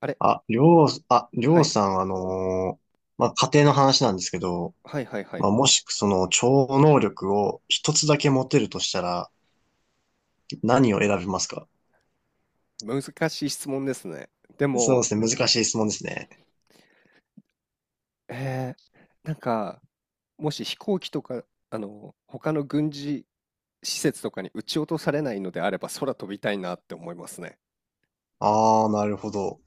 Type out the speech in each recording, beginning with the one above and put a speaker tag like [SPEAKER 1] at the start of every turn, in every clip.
[SPEAKER 1] あれ、
[SPEAKER 2] あ、りょう、あ、りょ
[SPEAKER 1] は
[SPEAKER 2] う
[SPEAKER 1] い、
[SPEAKER 2] さん、まあ、家庭の話なんですけど、
[SPEAKER 1] はいはいは
[SPEAKER 2] まあ、
[SPEAKER 1] い。
[SPEAKER 2] もしその超能力を一つだけ持てるとしたら何を選びますか？
[SPEAKER 1] 難しい質問ですね。で
[SPEAKER 2] そうで
[SPEAKER 1] も、
[SPEAKER 2] すね、難しい質問ですね。
[SPEAKER 1] えなんか、もし飛行機とか、あの、他の軍事施設とかに撃ち落とされないのであれば、空飛びたいなって思いますね。
[SPEAKER 2] ああ、なるほど。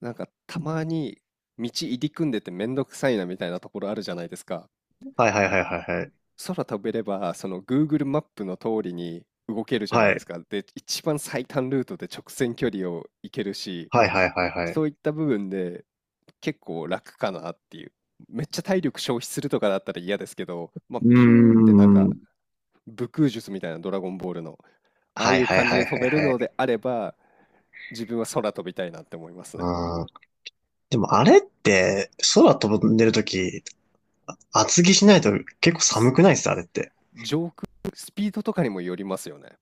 [SPEAKER 1] なんか、たまに道入り組んでてめんどくさいなみたいなところあるじゃないですか。
[SPEAKER 2] はいはいはいはいはい。
[SPEAKER 1] 空飛べれば、その Google マップの通りに動けるじゃない
[SPEAKER 2] は
[SPEAKER 1] です
[SPEAKER 2] い、
[SPEAKER 1] か。で、一番最短ルートで直線距離を行けるし、
[SPEAKER 2] はいはいはいはい。
[SPEAKER 1] そういった部分で結構楽かなっていう。めっちゃ体力消費するとかだったら嫌ですけど、まあ、
[SPEAKER 2] うー
[SPEAKER 1] ピューってなんか
[SPEAKER 2] ん。
[SPEAKER 1] 武空術みたいなドラゴンボールの、ああ
[SPEAKER 2] は
[SPEAKER 1] い
[SPEAKER 2] い
[SPEAKER 1] う
[SPEAKER 2] はい
[SPEAKER 1] 感じ
[SPEAKER 2] は
[SPEAKER 1] で
[SPEAKER 2] い
[SPEAKER 1] 飛
[SPEAKER 2] はい
[SPEAKER 1] べる
[SPEAKER 2] は
[SPEAKER 1] の
[SPEAKER 2] い。
[SPEAKER 1] であれば、自分は空飛びたいなって思いますね。
[SPEAKER 2] うーん。でもあれって空飛んでるとき厚着しないと結構寒
[SPEAKER 1] す
[SPEAKER 2] くないですあれって。
[SPEAKER 1] 上空、スピードとかにもよりますよね。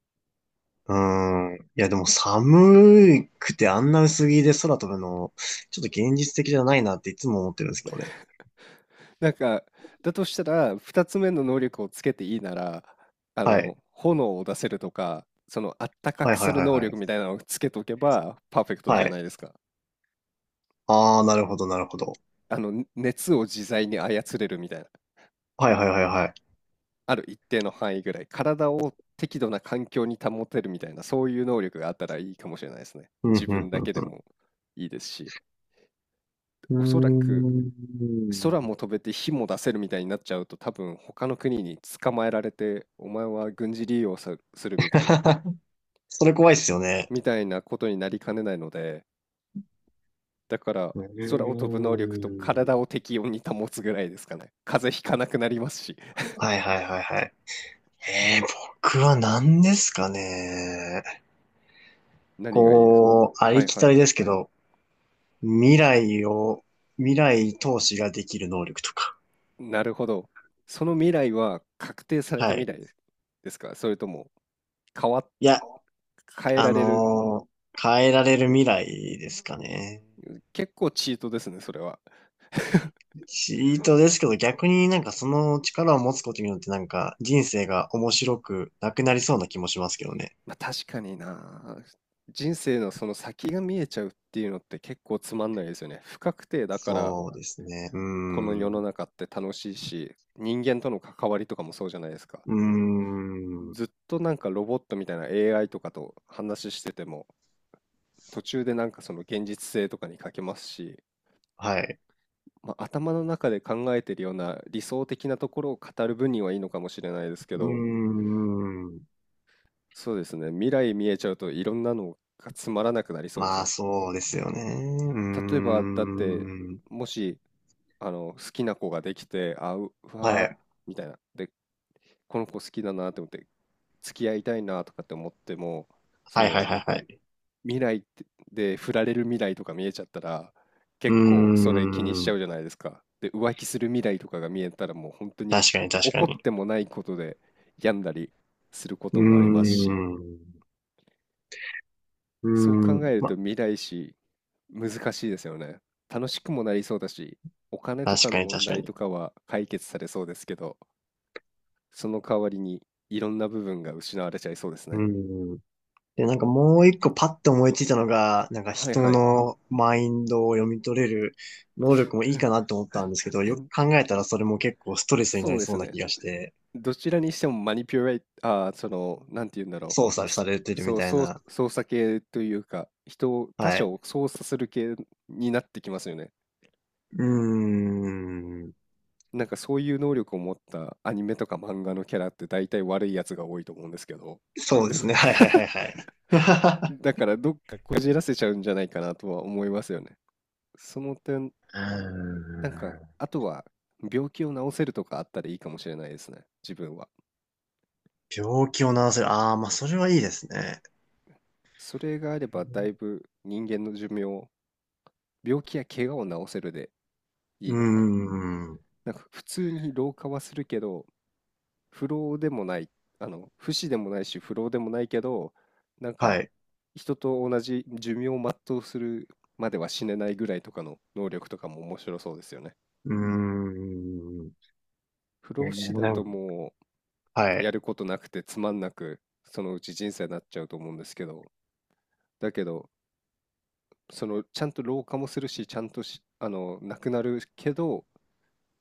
[SPEAKER 2] うーん。いや、でも寒くてあんな薄着で空飛ぶの、ちょっと 現実的じゃないなっていつも思ってるんですけどね。
[SPEAKER 1] なんか、だとしたら、二つ目の能力をつけていいなら、あ
[SPEAKER 2] はい。
[SPEAKER 1] の、炎を出せるとか、その、あったか
[SPEAKER 2] は
[SPEAKER 1] く
[SPEAKER 2] いは
[SPEAKER 1] す
[SPEAKER 2] い
[SPEAKER 1] る
[SPEAKER 2] はい
[SPEAKER 1] 能
[SPEAKER 2] はい。
[SPEAKER 1] 力みたいなのをつけとけば、パーフェクトじ
[SPEAKER 2] は
[SPEAKER 1] ゃな
[SPEAKER 2] い。
[SPEAKER 1] いですか。
[SPEAKER 2] ああ、なるほどなるほど。
[SPEAKER 1] あの、ね熱を自在に操れるみたいな。
[SPEAKER 2] はいはいはいはい。
[SPEAKER 1] ある一定の範囲ぐらい。体を適度な環境に保てるみたいな、そういう能力があったらいいかもしれないですね。
[SPEAKER 2] うん、
[SPEAKER 1] 自
[SPEAKER 2] うん、
[SPEAKER 1] 分だ
[SPEAKER 2] うん、
[SPEAKER 1] けでもいいですし。
[SPEAKER 2] う
[SPEAKER 1] おそらく、
[SPEAKER 2] ん。うー
[SPEAKER 1] 空
[SPEAKER 2] ん。
[SPEAKER 1] も飛べて火も出せるみたいになっちゃうと多分他の国に捕まえられてお前は軍事利用さするみたいな
[SPEAKER 2] それ怖いっすよね。
[SPEAKER 1] ことになりかねないので、だから
[SPEAKER 2] う
[SPEAKER 1] 空を飛
[SPEAKER 2] ー
[SPEAKER 1] ぶ能力と体
[SPEAKER 2] ん。
[SPEAKER 1] を適温に保つぐらいですかね。風邪ひかなくなりますし。
[SPEAKER 2] はいはいはいはい。えー、僕は何ですかね。
[SPEAKER 1] 何がいいですか？
[SPEAKER 2] こう、あ
[SPEAKER 1] は
[SPEAKER 2] り
[SPEAKER 1] い
[SPEAKER 2] き
[SPEAKER 1] は
[SPEAKER 2] た
[SPEAKER 1] い。
[SPEAKER 2] りですけど、未来を、未来投資ができる能力とか。
[SPEAKER 1] なるほど。その未来は確定された
[SPEAKER 2] は
[SPEAKER 1] 未
[SPEAKER 2] い。
[SPEAKER 1] 来ですですか、それとも変わ
[SPEAKER 2] いや、
[SPEAKER 1] 変え
[SPEAKER 2] あ
[SPEAKER 1] られる？
[SPEAKER 2] のー変えられる未来ですかね。
[SPEAKER 1] 結構チートですね、それは。
[SPEAKER 2] チートですけど、逆になんかその力を持つことによってなんか人生が面白くなくなりそうな気もしますけどね。
[SPEAKER 1] まあ、確かにな。人生のその先が見えちゃうっていうのって結構つまんないですよね。不確定だから
[SPEAKER 2] そうですね。うー
[SPEAKER 1] この世
[SPEAKER 2] ん。
[SPEAKER 1] の
[SPEAKER 2] う
[SPEAKER 1] 中って楽しいし、人間との関わりとかもそうじゃないですか。
[SPEAKER 2] ーん。
[SPEAKER 1] ずっとなんかロボットみたいな AI とかと話してても、途中でなんかその現実性とかに欠けますし、
[SPEAKER 2] はい。
[SPEAKER 1] まあ、頭の中で考えてるような理想的なところを語る分にはいいのかもしれないですけ
[SPEAKER 2] うー
[SPEAKER 1] ど、
[SPEAKER 2] ん。
[SPEAKER 1] そうですね。未来見えちゃうといろんなのがつまらなくなりそうです
[SPEAKER 2] まあ
[SPEAKER 1] ね。
[SPEAKER 2] そうですよね。うー
[SPEAKER 1] 例えば、だって、
[SPEAKER 2] ん。
[SPEAKER 1] もし、あの、好きな子ができて、あ、う、う
[SPEAKER 2] は
[SPEAKER 1] わー
[SPEAKER 2] い。
[SPEAKER 1] みたいな。で、この子好きだなと思って、付き合いたいなとかって思っても、そ
[SPEAKER 2] はいはい
[SPEAKER 1] の、
[SPEAKER 2] はいはい。
[SPEAKER 1] 未来ってで、振られる未来とか見えちゃったら、
[SPEAKER 2] うー
[SPEAKER 1] 結構それ気にしちゃ
[SPEAKER 2] ん。
[SPEAKER 1] うじゃないですか。で、浮気する未来とかが見えたら、もう本当に
[SPEAKER 2] 確かに確か
[SPEAKER 1] 怒っ
[SPEAKER 2] に。
[SPEAKER 1] てもないことで病んだりするこ
[SPEAKER 2] う
[SPEAKER 1] と
[SPEAKER 2] ー
[SPEAKER 1] もありますし。
[SPEAKER 2] ん。う
[SPEAKER 1] そう
[SPEAKER 2] ー
[SPEAKER 1] 考
[SPEAKER 2] ん。
[SPEAKER 1] えると未来史難しいですよね。楽しくもなりそうだし、お金と
[SPEAKER 2] 確
[SPEAKER 1] かの
[SPEAKER 2] かに
[SPEAKER 1] 問
[SPEAKER 2] 確か
[SPEAKER 1] 題と
[SPEAKER 2] に。
[SPEAKER 1] かは解決されそうですけど、その代わりにいろんな部分が失われちゃいそうです
[SPEAKER 2] う
[SPEAKER 1] ね。
[SPEAKER 2] ん。で、なんかもう一個パッと思いついたのが、なんか
[SPEAKER 1] はい
[SPEAKER 2] 人
[SPEAKER 1] はい。
[SPEAKER 2] のマインドを読み取れる能力もいいかなって思ったんですけど、よく 考えたらそれも結構ストレスにな
[SPEAKER 1] そう
[SPEAKER 2] り
[SPEAKER 1] で
[SPEAKER 2] そう
[SPEAKER 1] す
[SPEAKER 2] な
[SPEAKER 1] ね。
[SPEAKER 2] 気がして、
[SPEAKER 1] どちらにしてもマニピュレイ、ああ、その、なんて言うんだろ
[SPEAKER 2] 操
[SPEAKER 1] う。
[SPEAKER 2] 作
[SPEAKER 1] す
[SPEAKER 2] されてるみたい
[SPEAKER 1] そう、
[SPEAKER 2] な。
[SPEAKER 1] 操作系というか、人を、他
[SPEAKER 2] は
[SPEAKER 1] 者
[SPEAKER 2] い。
[SPEAKER 1] を操作する系になってきますよね。
[SPEAKER 2] うーん。
[SPEAKER 1] なんかそういう能力を持ったアニメとか漫画のキャラって大体悪いやつが多いと思うんですけど、
[SPEAKER 2] そうで
[SPEAKER 1] ど、
[SPEAKER 2] すね。はいはいはいはい。
[SPEAKER 1] だからどっかこじらせちゃうんじゃないかなとは思いますよね。その点、
[SPEAKER 2] うー
[SPEAKER 1] なんか、
[SPEAKER 2] ん。
[SPEAKER 1] あとは病気を治せるとかあったらいいかもしれないですね、自分は。
[SPEAKER 2] 病気を治せる。ああ、まあそれはいいですね。
[SPEAKER 1] それがあればだいぶ人間の寿命、病気や怪我を治せるで
[SPEAKER 2] う
[SPEAKER 1] い
[SPEAKER 2] ー
[SPEAKER 1] いのかな。
[SPEAKER 2] ん。
[SPEAKER 1] なんか普通に老化はするけど、不老でもない、あの、不死でもないし不老でもないけど、なん
[SPEAKER 2] は
[SPEAKER 1] か
[SPEAKER 2] い。
[SPEAKER 1] 人と同じ寿命を全うするまでは死ねないぐらいとかの能力とかも面白そうですよね。
[SPEAKER 2] うーん。
[SPEAKER 1] 不
[SPEAKER 2] え
[SPEAKER 1] 老不死
[SPEAKER 2] ー
[SPEAKER 1] だ
[SPEAKER 2] な
[SPEAKER 1] と
[SPEAKER 2] ん
[SPEAKER 1] もう
[SPEAKER 2] は
[SPEAKER 1] や
[SPEAKER 2] い。
[SPEAKER 1] ることなくてつまんなくそのうち人生になっちゃうと思うんですけど、だけどそのちゃんと老化もするしちゃんとしあのなくなるけど、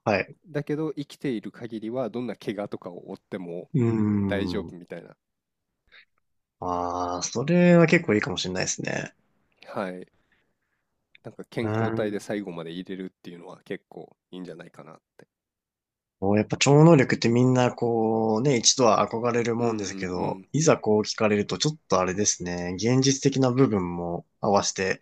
[SPEAKER 2] はい。
[SPEAKER 1] だけど生きている限りはどんな怪我とかを負っても
[SPEAKER 2] うー
[SPEAKER 1] 大丈夫
[SPEAKER 2] ん。
[SPEAKER 1] みたいな。
[SPEAKER 2] ああ、それは結構いいかもしれないですね。
[SPEAKER 1] はい、なんか健
[SPEAKER 2] う
[SPEAKER 1] 康体で
[SPEAKER 2] ん。
[SPEAKER 1] 最後まで入れるっていうのは結構いいんじゃないかなって。
[SPEAKER 2] こうやっぱ超能力ってみんなこうね、一度は憧れる
[SPEAKER 1] うん
[SPEAKER 2] も
[SPEAKER 1] う
[SPEAKER 2] んですけど、
[SPEAKER 1] ん
[SPEAKER 2] いざこう聞かれるとちょっとあれですね、現実的な部分も合わせて、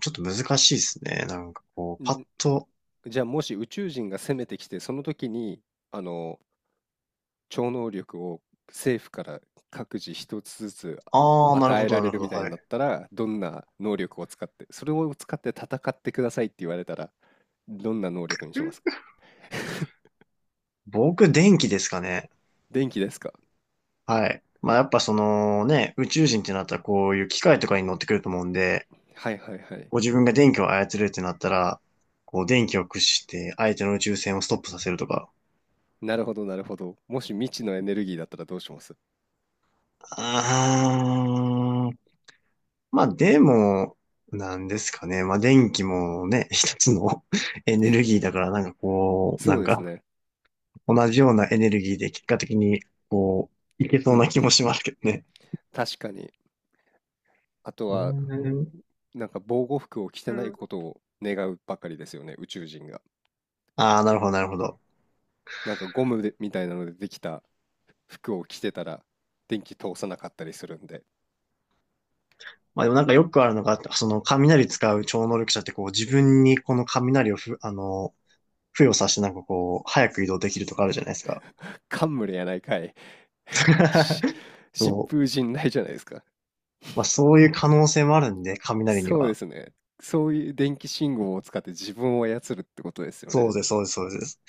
[SPEAKER 2] ちょっと難しいですね。なんかこ
[SPEAKER 1] う
[SPEAKER 2] う、
[SPEAKER 1] ん
[SPEAKER 2] パッ
[SPEAKER 1] ん。
[SPEAKER 2] と、
[SPEAKER 1] じゃあもし宇宙人が攻めてきてその時に、あの、超能力を政府から各自一つずつ
[SPEAKER 2] ああ、なる
[SPEAKER 1] 与
[SPEAKER 2] ほ
[SPEAKER 1] え
[SPEAKER 2] ど、
[SPEAKER 1] ら
[SPEAKER 2] な
[SPEAKER 1] れ
[SPEAKER 2] るほ
[SPEAKER 1] る
[SPEAKER 2] ど、
[SPEAKER 1] みたい
[SPEAKER 2] は
[SPEAKER 1] になっ
[SPEAKER 2] い。
[SPEAKER 1] たら、どんな能力を使って、それを使って戦ってくださいって言われたら、どんな能力にしますか？
[SPEAKER 2] 僕、電気ですかね。
[SPEAKER 1] 電気ですか？
[SPEAKER 2] はい。まあやっぱそのね、宇宙人ってなったらこういう機械とかに乗ってくると思うんで、
[SPEAKER 1] はいはいはい。
[SPEAKER 2] ご自分が電気を操れるってなったら、こう電気を駆使して相手の宇宙船をストップさせるとか。
[SPEAKER 1] なるほどなるほど。もし未知のエネルギーだったらどうします？
[SPEAKER 2] あー、まあでも、なんですかね。まあ電気もね、一つの エネルギーだから、なんかこう、
[SPEAKER 1] そ
[SPEAKER 2] な
[SPEAKER 1] う
[SPEAKER 2] ん
[SPEAKER 1] です
[SPEAKER 2] か
[SPEAKER 1] ね。
[SPEAKER 2] 同じようなエネルギーで結果的に、こう、いけ
[SPEAKER 1] う
[SPEAKER 2] そうな
[SPEAKER 1] ん
[SPEAKER 2] 気
[SPEAKER 1] う
[SPEAKER 2] も
[SPEAKER 1] ん。
[SPEAKER 2] しますけどね。
[SPEAKER 1] 確かに。あと
[SPEAKER 2] う
[SPEAKER 1] は、
[SPEAKER 2] ーん。
[SPEAKER 1] なんか防護服を着てないことを願うばかりですよね、宇宙人が。
[SPEAKER 2] ああ、なるほど、なるほど。
[SPEAKER 1] なんかゴムでみたいなのでできた服を着てたら電気通さなかったりするんで。
[SPEAKER 2] まあでもなんかよくあるのが、その雷使う超能力者ってこう自分にこの雷をふ、付与させてなんかこう、早く移動できるとかあるじゃないですか。
[SPEAKER 1] 冠やないかい。し
[SPEAKER 2] そ
[SPEAKER 1] 疾
[SPEAKER 2] う。
[SPEAKER 1] 風陣雷じゃないですか？
[SPEAKER 2] まあそういう可能性もあるんで、雷に
[SPEAKER 1] そうで
[SPEAKER 2] は。
[SPEAKER 1] すね。そういう電気信号を使って自分を操るってことですよ
[SPEAKER 2] そ
[SPEAKER 1] ね。
[SPEAKER 2] うです、そうです、そうです。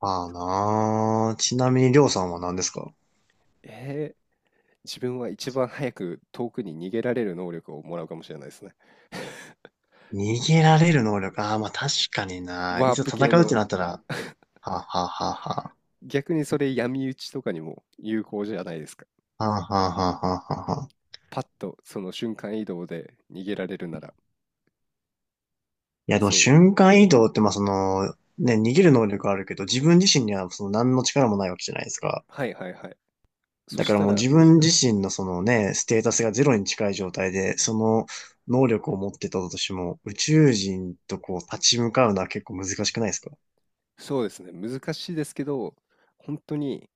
[SPEAKER 2] ああなあ。ちなみに、りょうさんは何ですか？
[SPEAKER 1] えー、自分は一番早く遠くに逃げられる能力をもらうかもしれないですね。
[SPEAKER 2] 逃げられる能力。ああ、まあ確かにな。い
[SPEAKER 1] ワー
[SPEAKER 2] ざ
[SPEAKER 1] プ
[SPEAKER 2] 戦
[SPEAKER 1] 系
[SPEAKER 2] うって
[SPEAKER 1] の。
[SPEAKER 2] なったら、はあ、はあはあは
[SPEAKER 1] 逆にそれ闇討ちとかにも有効じゃないですか？
[SPEAKER 2] あ、はあ、はあはあはあはあ。
[SPEAKER 1] パッとその瞬間移動で逃げられるなら、
[SPEAKER 2] いや、でも
[SPEAKER 1] そう、
[SPEAKER 2] 瞬間移動って、まあその、ね、逃げる能力あるけど、自分自身にはその何の力もないわけじゃないですか。
[SPEAKER 1] はいはいはい。そ
[SPEAKER 2] だか
[SPEAKER 1] し
[SPEAKER 2] ら
[SPEAKER 1] た
[SPEAKER 2] もう
[SPEAKER 1] ら、
[SPEAKER 2] 自分自身のそのね、ステータスがゼロに近い状態で、その能力を持ってたとしても、宇宙人とこう立ち向かうのは結構難しくないですか？
[SPEAKER 1] そうですね、難しいですけど、本当に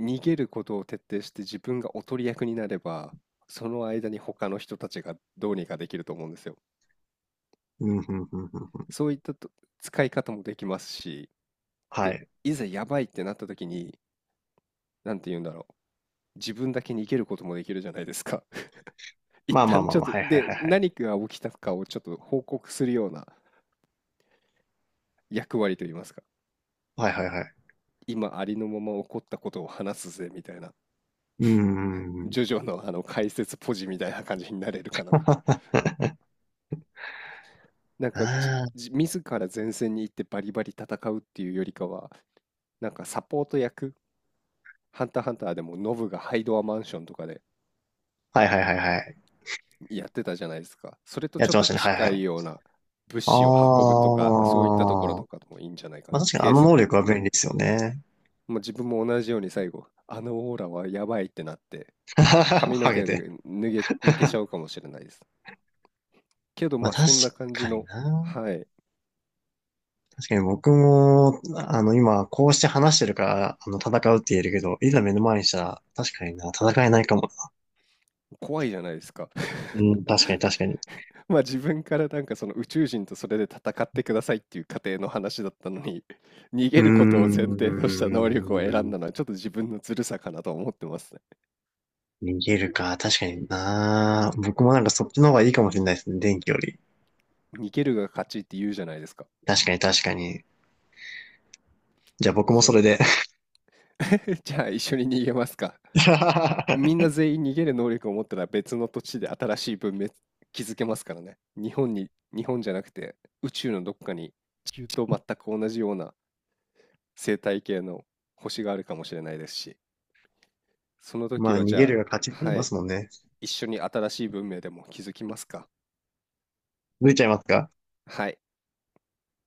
[SPEAKER 1] 逃げることを徹底して自分がおとり役になれば、その間に他の人たちがどうにかできると思うんですよ。
[SPEAKER 2] うん、うん、うん、うん。
[SPEAKER 1] そういったと使い方もできますし、
[SPEAKER 2] は
[SPEAKER 1] で、
[SPEAKER 2] い。
[SPEAKER 1] いざやばいってなった時に、なんて言うんだろう。自分だけ逃げることもできるじゃないですか。一
[SPEAKER 2] まあまあ
[SPEAKER 1] 旦
[SPEAKER 2] ま
[SPEAKER 1] ち
[SPEAKER 2] あ
[SPEAKER 1] ょっ
[SPEAKER 2] まあ、
[SPEAKER 1] と、
[SPEAKER 2] はいはい
[SPEAKER 1] で、
[SPEAKER 2] はいはい。
[SPEAKER 1] 何が起きたかをちょっと報告するような役割といいますか。
[SPEAKER 2] はいはいはい。
[SPEAKER 1] 今ありのまま起こったことを話すぜみたいな、
[SPEAKER 2] うん、うん、うん。
[SPEAKER 1] ジョジョのあの解説ポジみたいな感じになれるかなみたいな。なんかじ、
[SPEAKER 2] あ
[SPEAKER 1] じ自ら前線に行ってバリバリ戦うっていうよりかは、なんかサポート役、ハンターハンターでもノブがハイドアマンションとかで
[SPEAKER 2] あ、はいはいはいはい。
[SPEAKER 1] やってたじゃないですか。それと
[SPEAKER 2] や
[SPEAKER 1] ち
[SPEAKER 2] っ
[SPEAKER 1] ょっ
[SPEAKER 2] てま
[SPEAKER 1] と
[SPEAKER 2] したね、はいは
[SPEAKER 1] 近い
[SPEAKER 2] い。
[SPEAKER 1] ような物
[SPEAKER 2] あ
[SPEAKER 1] 資を運ぶとか、そういったところと
[SPEAKER 2] あ、
[SPEAKER 1] かでもいいんじゃないか
[SPEAKER 2] ま
[SPEAKER 1] な。
[SPEAKER 2] あ確かにあ
[SPEAKER 1] テー
[SPEAKER 2] の
[SPEAKER 1] ス、
[SPEAKER 2] 能力は便利ですよね。
[SPEAKER 1] もう自分も同じように最後、あのオーラはやばいってなって、髪の
[SPEAKER 2] ハゲ
[SPEAKER 1] 毛
[SPEAKER 2] て。
[SPEAKER 1] で脱げ、抜けちゃうかもしれないです。けど、
[SPEAKER 2] ま
[SPEAKER 1] ま
[SPEAKER 2] あ
[SPEAKER 1] あ、
[SPEAKER 2] 確
[SPEAKER 1] そんな感じ
[SPEAKER 2] かに
[SPEAKER 1] の、
[SPEAKER 2] な。
[SPEAKER 1] はい、
[SPEAKER 2] 確かに僕も、今、こうして話してるから、戦うって言えるけど、いざ目の前にしたら、確かにな、戦えないかも。
[SPEAKER 1] 怖いじゃないですか。
[SPEAKER 2] うん、確かに確かに。
[SPEAKER 1] まあ、自分からなんかその宇宙人とそれで戦ってくださいっていう過程の話だったのに、逃
[SPEAKER 2] う
[SPEAKER 1] げ
[SPEAKER 2] ー
[SPEAKER 1] ることを前提とした能力を選ん
[SPEAKER 2] ん、
[SPEAKER 1] だのは、ちょっと自分のずるさかなと思ってますね。
[SPEAKER 2] 逃げるか、確かにな。僕もなんかそっちの方がいいかもしれないですね、電気より。
[SPEAKER 1] 逃げるが勝ちって言うじゃないですか。
[SPEAKER 2] 確かに確かに。じゃあ僕も
[SPEAKER 1] そう。
[SPEAKER 2] それで。
[SPEAKER 1] じゃあ、一緒に逃げますか。みんな 全員逃げる能力を持ったら別の土地で新しい文明築けますからね。日本に、日本じゃなくて宇宙のどっかに地球と全く同じような生態系の星があるかもしれないですし、その
[SPEAKER 2] ま
[SPEAKER 1] 時
[SPEAKER 2] あ、
[SPEAKER 1] は
[SPEAKER 2] 逃
[SPEAKER 1] じ
[SPEAKER 2] げ
[SPEAKER 1] ゃ
[SPEAKER 2] るが勝ちって
[SPEAKER 1] あ、
[SPEAKER 2] 言い
[SPEAKER 1] は
[SPEAKER 2] ま
[SPEAKER 1] い、
[SPEAKER 2] すもんね。
[SPEAKER 1] 一緒に新しい文明でも築きますか。
[SPEAKER 2] 抜いちゃいますか？
[SPEAKER 1] はい。